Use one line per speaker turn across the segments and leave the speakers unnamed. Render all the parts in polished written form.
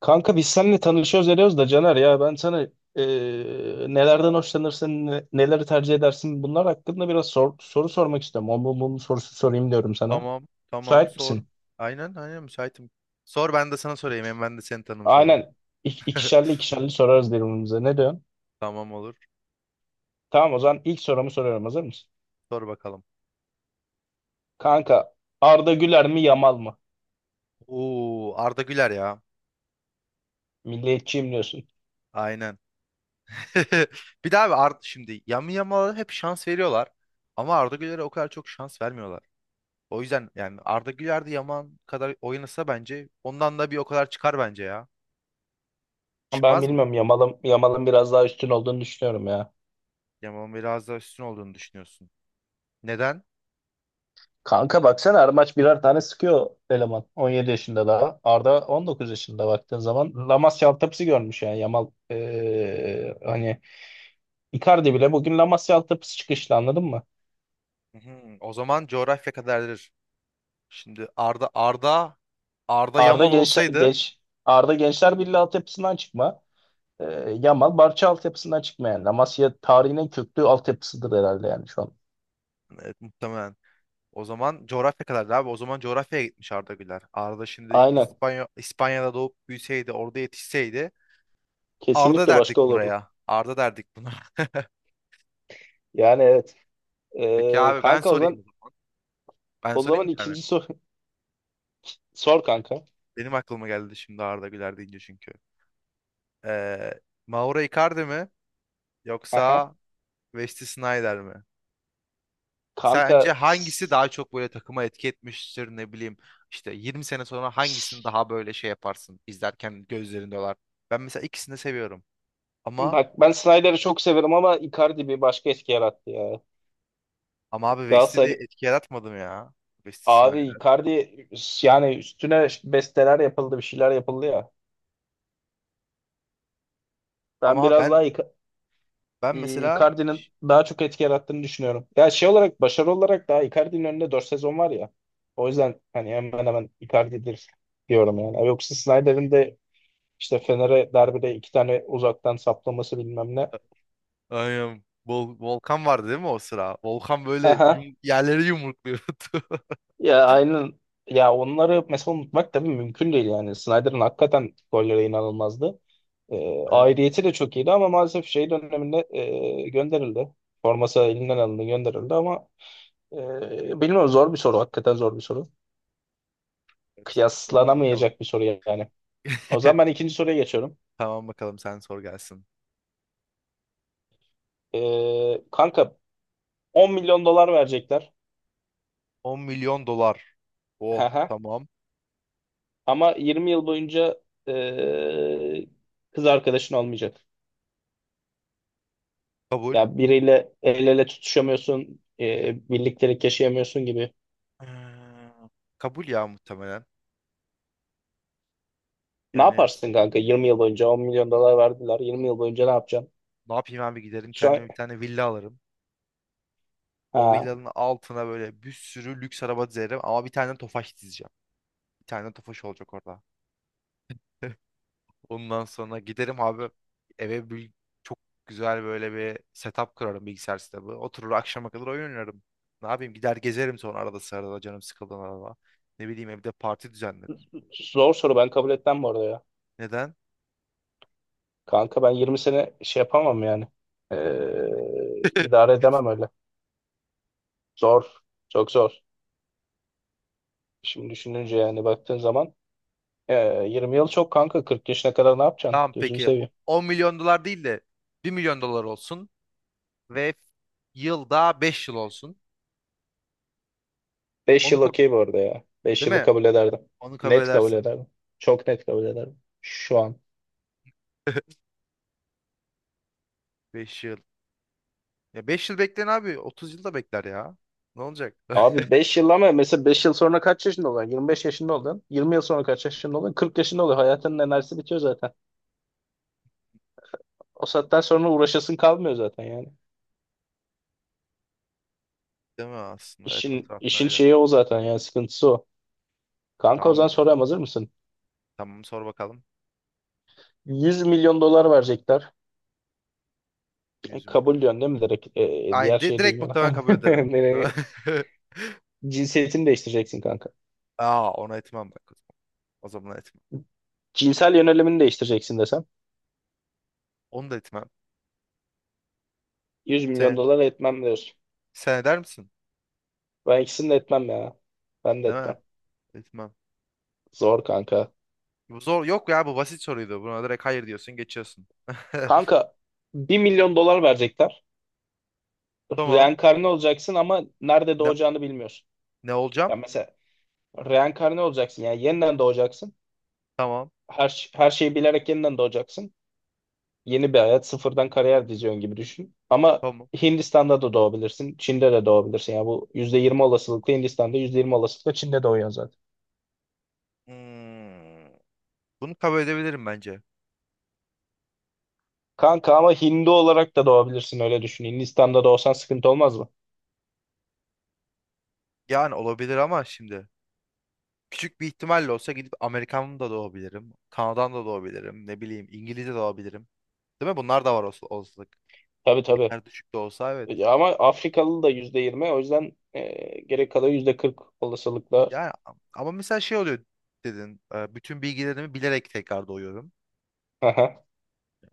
Kanka biz seninle tanışıyoruz ediyoruz da Caner ya ben sana nelerden hoşlanırsın, neleri tercih edersin bunlar hakkında biraz soru sormak istiyorum. O bu bunun sorusu sorayım diyorum sana.
Tamam, tamam
Müsait
sor.
misin?
Aynen, aynen müsaitim. Sor ben de sana sorayım. Hem ben de seni tanımış olurum.
Aynen. İk, ikişerli ikişerli sorarız birbirimize. Ne diyorsun?
Tamam olur.
Tamam, o zaman ilk sorumu soruyorum. Hazır mısın?
Sor bakalım.
Kanka, Arda Güler mi Yamal mı?
Oo, Arda Güler ya.
Milliyetçiyim diyorsun.
Aynen. Bir daha abi Arda şimdi Yamal'a hep şans veriyorlar. Ama Arda Güler'e o kadar çok şans vermiyorlar. O yüzden yani Arda Güler de Yaman kadar oynasa bence ondan da bir o kadar çıkar bence ya.
Ben
Çıkmaz mı?
bilmiyorum, Yamal'ın biraz daha üstün olduğunu düşünüyorum ya.
Yaman'ın biraz daha üstün olduğunu düşünüyorsun. Neden?
Kanka baksana her maç birer tane sıkıyor eleman. 17 yaşında daha. Arda 19 yaşında baktığın zaman. Lamasya altyapısı görmüş yani Yamal. Hani Icardi bile bugün Lamasya altyapısı çıkışlı, anladın mı?
Hı hı. O zaman coğrafya kadardır. Şimdi Arda
Arda
Yamal
genç,
olsaydı.
genç Arda Gençler Birliği altyapısından çıkma. Yamal Barça altyapısından çıkma yani. Lamasya tarihinin en köklü altyapısıdır herhalde yani şu an.
Evet, muhtemelen o zaman coğrafya kadardı abi. O zaman coğrafyaya gitmiş Arda Güler. Arda şimdi
Aynen.
İspanya'da doğup büyüseydi, orada yetişseydi Arda
Kesinlikle başka
derdik
olurdu.
buraya. Arda derdik buna.
Yani evet.
Peki
Eee,
abi ben
kanka o
sorayım o
zaman
zaman. Ben
o
sorayım
zaman
bir tane.
ikinci sor kanka.
Benim aklıma geldi şimdi Arda Güler deyince çünkü. Ee, Mauro Icardi mi
Aha.
yoksa Wesley Sneijder mi?
Kanka.
Sence hangisi daha çok böyle takıma etki etmiştir, ne bileyim işte 20 sene sonra hangisini daha böyle şey yaparsın izlerken gözlerinde olar. Ben mesela ikisini de seviyorum. Ama
Bak, ben Snyder'ı çok severim ama Icardi bir başka etki yarattı ya.
ama abi West'i de
Galatasaray
etki yaratmadım ya. Wesley
abi,
Snyder.
Icardi yani, üstüne besteler yapıldı, bir şeyler yapıldı ya. Ben
Ama
biraz
ben
daha
ben mesela
Icardi'nin daha çok etki yarattığını düşünüyorum. Ya şey olarak, başarı olarak daha Icardi'nin önünde 4 sezon var ya. O yüzden hani hemen hemen Icardi'dir diyorum yani. Yoksa Snyder'in de işte Fener'e derbide iki tane uzaktan saplaması, bilmem ne.
aynen. Volkan vardı değil mi o sıra? Volkan böyle yerleri yumrukluyordu.
Ya aynen. Ya onları mesela unutmak tabii mümkün değil yani. Snyder'ın hakikaten golleri inanılmazdı. Ee,
Evet,
aidiyeti de çok iyiydi ama maalesef şey döneminde gönderildi. Forması elinden alındı, gönderildi ama bilmiyorum, zor bir soru. Hakikaten zor bir soru.
evet. Tamam bakalım.
Kıyaslanamayacak bir soru yani. O zaman ben ikinci soruya geçiyorum.
Tamam bakalım sen sor gelsin.
Kanka 10 milyon dolar verecekler.
10 milyon dolar.
Hı
Oh,
hı.
tamam.
Ama 20 yıl boyunca e, kız arkadaşın olmayacak.
Kabul.
Ya biriyle el ele tutuşamıyorsun, birliktelik yaşayamıyorsun gibi.
Hmm, kabul ya muhtemelen.
Ne
Yani
yaparsın kanka? 20 yıl boyunca 10 milyon dolar verdiler. 20 yıl boyunca ne yapacaksın?
ne yapayım abi, giderim
Şu
kendime
an.
bir tane villa alırım. O
Ha,
villanın altına böyle bir sürü lüks araba dizerim ama bir tane Tofaş dizeceğim. Bir tane Tofaş olacak orada. Ondan sonra giderim abi eve bir, çok güzel böyle bir setup kurarım, bilgisayar setup'ı. Oturur akşama kadar oyun oynarım. Ne yapayım, gider gezerim sonra arada sırada canım sıkıldığında arada. Ne bileyim evde parti düzenlerim.
zor soru, ben kabul etmem bu arada ya.
Neden?
Kanka, ben 20 sene şey yapamam yani. İdare edemem öyle. Zor. Çok zor. Şimdi düşününce
Hmm.
yani, baktığın zaman 20 yıl çok kanka. 40 yaşına kadar ne yapacaksın?
Tamam
Gözünü
peki
seveyim.
10 milyon dolar değil de 1 milyon dolar olsun. Ve yılda 5 yıl olsun.
5
Onu
yıl
kabul,
okey bu arada ya. 5
değil
yılı
mi?
kabul ederdim.
Onu kabul
Net kabul
edersin.
ederdim. Çok net kabul ederdim. Şu an.
5 yıl. Ya 5 yıl bekleyin abi. 30 yıl da bekler ya. Ne olacak?
Abi 5 yıl, ama mesela 5 yıl sonra kaç yaşında olacaksın? 25 yaşında olacaksın. 20 yıl sonra kaç yaşında olacaksın? 40 yaşında olacaksın. Hayatının enerjisi bitiyor zaten. O saatten sonra uğraşasın kalmıyor zaten yani.
Değil mi aslında? Evet, o
İşin
taraftan
işin
öyle.
şeyi o zaten yani, sıkıntısı o. Kanka, o
Tamam
zaman
bak.
soruyorum, hazır mısın?
Tamam sor bakalım.
100 milyon dolar verecekler. E,
100
kabul
milyon.
diyorsun değil mi direkt? Diğer
Aynı. di-
şeyi
direkt
duymana.
muhtemelen kabul ederim.
Nereye? Cinsiyetini değiştireceksin kanka.
Aa, ona etmem bak. O zaman etmem.
Cinsel yönelimini değiştireceksin desem.
Onu da etmem.
100 milyon
Sen,
dolar etmem diyorsun.
sen eder misin?
Ben ikisini de etmem ya. Ben de
Değil mi?
etmem.
Etmem.
Zor kanka.
Bu zor. Yok ya, bu basit soruydu. Buna direkt hayır diyorsun, geçiyorsun.
Kanka, 1 milyon dolar verecekler.
Tamam.
Reenkarne olacaksın ama nerede
Ne,
doğacağını bilmiyorsun.
ne olacağım?
Ya mesela reenkarne olacaksın, yani yeniden doğacaksın.
Tamam.
Her şeyi bilerek yeniden doğacaksın. Yeni bir hayat sıfırdan kariyer diziyorsun gibi düşün. Ama
Tamam.
Hindistan'da da doğabilirsin. Çin'de de doğabilirsin. Yani bu %20 olasılıkla Hindistan'da, %20 olasılıkla Çin'de doğuyorsun zaten.
Hmm, bunu kabul edebilirim bence.
Kanka, ama Hindu olarak da doğabilirsin, öyle düşün. Hindistan'da doğsan sıkıntı olmaz mı?
Yani olabilir ama şimdi küçük bir ihtimalle olsa gidip Amerikan da doğabilirim. Kanada'dan da doğabilirim. Ne bileyim İngilizce de doğabilirim. Değil mi? Bunlar da var olsa, olasılık.
Tabii
Ne
tabii.
kadar düşük de olsa evet.
Ya ama Afrikalı da %20, o yüzden gerek kadar %40 olasılıkla.
Yani ama mesela şey oluyor dedin. Bütün bilgilerimi bilerek tekrar doğuyorum.
Aha,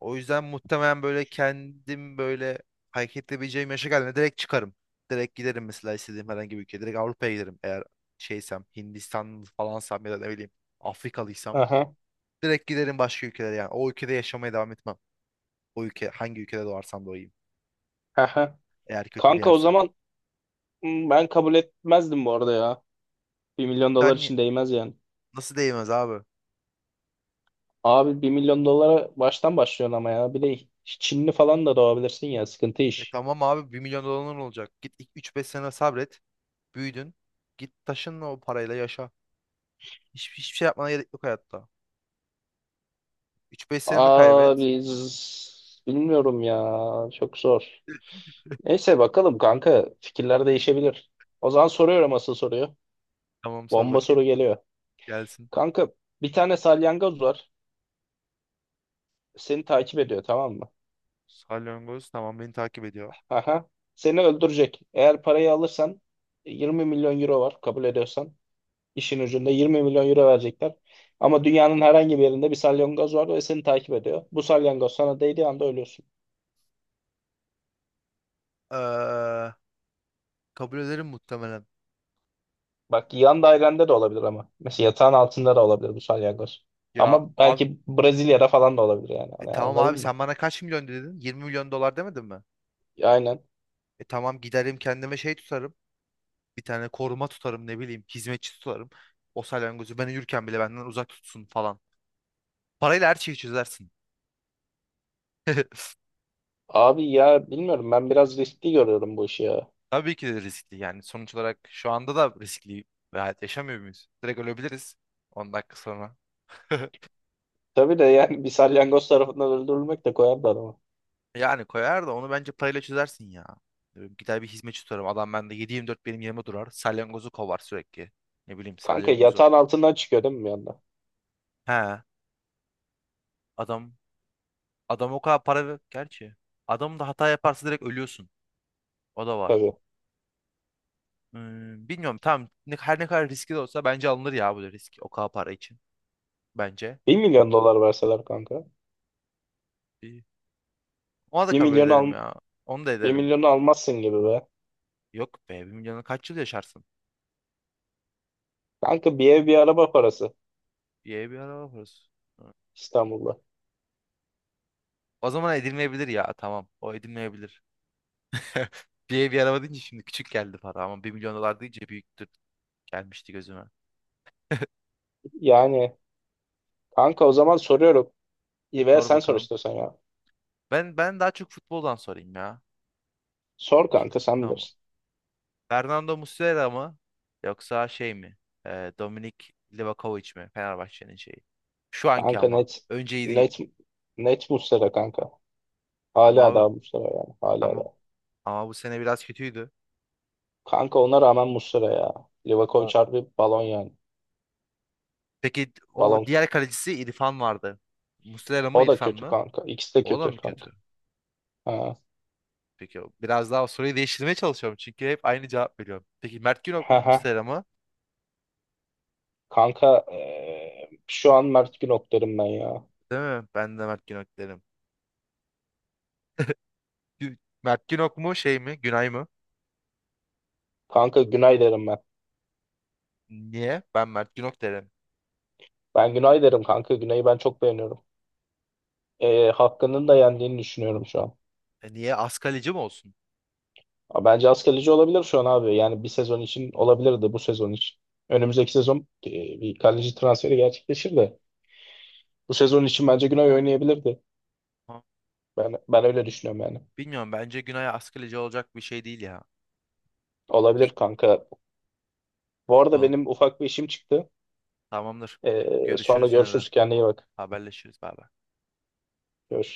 O yüzden muhtemelen böyle kendim böyle hareket edebileceğim yaşa geldiğinde direkt çıkarım. Direkt giderim mesela istediğim herhangi bir ülkeye. Direkt Avrupa'ya giderim eğer şeysem, Hindistan falansam ya da ne bileyim Afrikalıysam.
aha,
Direkt giderim başka ülkelere yani. O ülkede yaşamaya devam etmem. O ülke, hangi ülkede doğarsam doğayım.
aha.
Eğer kötü bir
Kanka, o
yerse.
zaman ben kabul etmezdim bu arada ya. 1 milyon dolar
Sen ni-
için değmez yani.
Nasıl değmez abi?
Abi, 1 milyon dolara baştan başlıyorsun ama ya. Bir de Çinli falan da doğabilirsin ya, sıkıntı
E
iş.
tamam abi, 1 milyon doların olacak. Git, ilk 3-5 sene sabret. Büyüdün. Git taşınla o parayla yaşa. Hiçbir şey yapmana gerek yok hayatta. Üç beş seneni kaybet.
Abi bilmiyorum ya, çok zor. Neyse bakalım kanka, fikirler değişebilir. O zaman soruyorum asıl soruyu.
Tamam sor
Bomba soru
bakayım.
geliyor.
Gelsin.
Kanka, bir tane salyangoz var. Seni takip ediyor, tamam mı?
Salyangoz, tamam, beni takip ediyor.
Aha. Seni öldürecek. Eğer parayı alırsan, 20 milyon euro var, kabul ediyorsan. İşin ucunda 20 milyon euro verecekler. Ama dünyanın herhangi bir yerinde bir salyangoz var ve seni takip ediyor. Bu salyangoz sana değdiği anda ölüyorsun.
Ee, Kabul ederim muhtemelen.
Bak, yan dairende de olabilir ama. Mesela yatağın altında da olabilir bu salyangoz.
Ya
Ama
abi,
belki Brezilya'da falan da olabilir yani. Hani,
tamam
anladın
abi
mı?
sen bana kaç milyon dedin? 20 milyon dolar demedin mi?
Aynen.
E tamam giderim kendime şey tutarım. Bir tane koruma tutarım, ne bileyim hizmetçi tutarım. O salyangozu ben uyurken bile benden uzak tutsun falan. Parayla her şeyi çözersin.
Abi ya bilmiyorum, ben biraz riskli görüyorum bu işi ya.
Tabii ki de riskli, yani sonuç olarak şu anda da riskli bir hayat yaşamıyor muyuz? Direkt ölebiliriz 10 dakika sonra.
Tabii de yani, bir salyangoz tarafından öldürülmek de koyarlar.
Yani koyar da onu bence parayla çözersin ya. Gider bir hizmetçi tutarım. Adam bende 7/24 benim yerime durar. Salyangozu kovar sürekli. Ne bileyim
Kanka,
salyangozu.
yatağın altından çıkıyor değil mi bir anda?
He, adam adam o kadar para ver. Gerçi adam da hata yaparsa direkt ölüyorsun. O da var.
Tabii.
Hmm, bilmiyorum tam ne, her ne kadar riskli de olsa bence alınır ya bu risk o kadar para için bence.
1 milyon dolar verseler kanka.
Bir- Ona da
bir
kabul
milyonu
ederim
al,
ya. Onu da
bir
ederim.
milyonu almazsın gibi be.
Yok be, 1 milyonu kaç yıl yaşarsın?
Kanka, bir ev bir araba parası
Bir ev, bir araba parası. Hı.
İstanbul'da.
O zaman edilmeyebilir ya, tamam o edilmeyebilir. Bir ev bir araba deyince şimdi küçük geldi para ama 1 milyon dolar deyince büyüktür gelmişti gözüme.
Yani kanka o zaman soruyorum. İyi, veya
Sor
sen sor
bakalım.
istiyorsan ya.
Ben daha çok futboldan sorayım ya.
Sor
Peki.
kanka, sen
Tamam.
bilirsin.
Fernando Muslera mı? Yoksa şey mi? Dominik Livakovic mi? Fenerbahçe'nin şeyi. Şu anki
Kanka,
ama.
net
Önceyi değil.
net net Muslera kanka.
Ama
Hala
abi,
daha Muslera yani. Hala
ama
daha.
ama bu sene biraz kötüydü.
Kanka, ona rağmen Muslera ya. Livakovic
O-
harbi balon yani.
Peki o
Balon.
diğer kalecisi İrfan vardı. Muslera mı
O da
İrfan
kötü
mı?
kanka. İkisi de
O da
kötü
mı
kanka.
kötü?
Ha.
Peki biraz daha soruyu değiştirmeye çalışıyorum. Çünkü hep aynı cevap veriyorum. Peki Mert Günok mu
Ha ha.
Muslera mı?
Kanka, şu an Mert Günok derim ben ya.
Değil mi? Ben de Mert Günok derim. Mert Günok mu şey mi? Günay mı?
Kanka, Günay derim ben.
Niye? Ben Mert Günok derim.
Ben Günay derim kanka. Günay'ı ben çok beğeniyorum. Hakkı'nın da yendiğini düşünüyorum şu an.
E niye? Az kaleci mi olsun?
Ama bence az kaleci olabilir şu an abi. Yani bir sezon için olabilirdi, bu sezon için. Önümüzdeki sezon bir kaleci transferi gerçekleşir de. Bu sezon için bence Günay oynayabilirdi. Ben öyle düşünüyorum yani.
Bilmiyorum bence Günay askıleci olacak bir şey değil ya. Ki-
Olabilir kanka. Bu arada
Kolum.
benim ufak bir işim çıktı.
Tamamdır.
Sonra
Görüşürüz yine de.
görüşürüz. Kendine iyi bak.
Haberleşiriz. Bay bay.
Görüşürüz.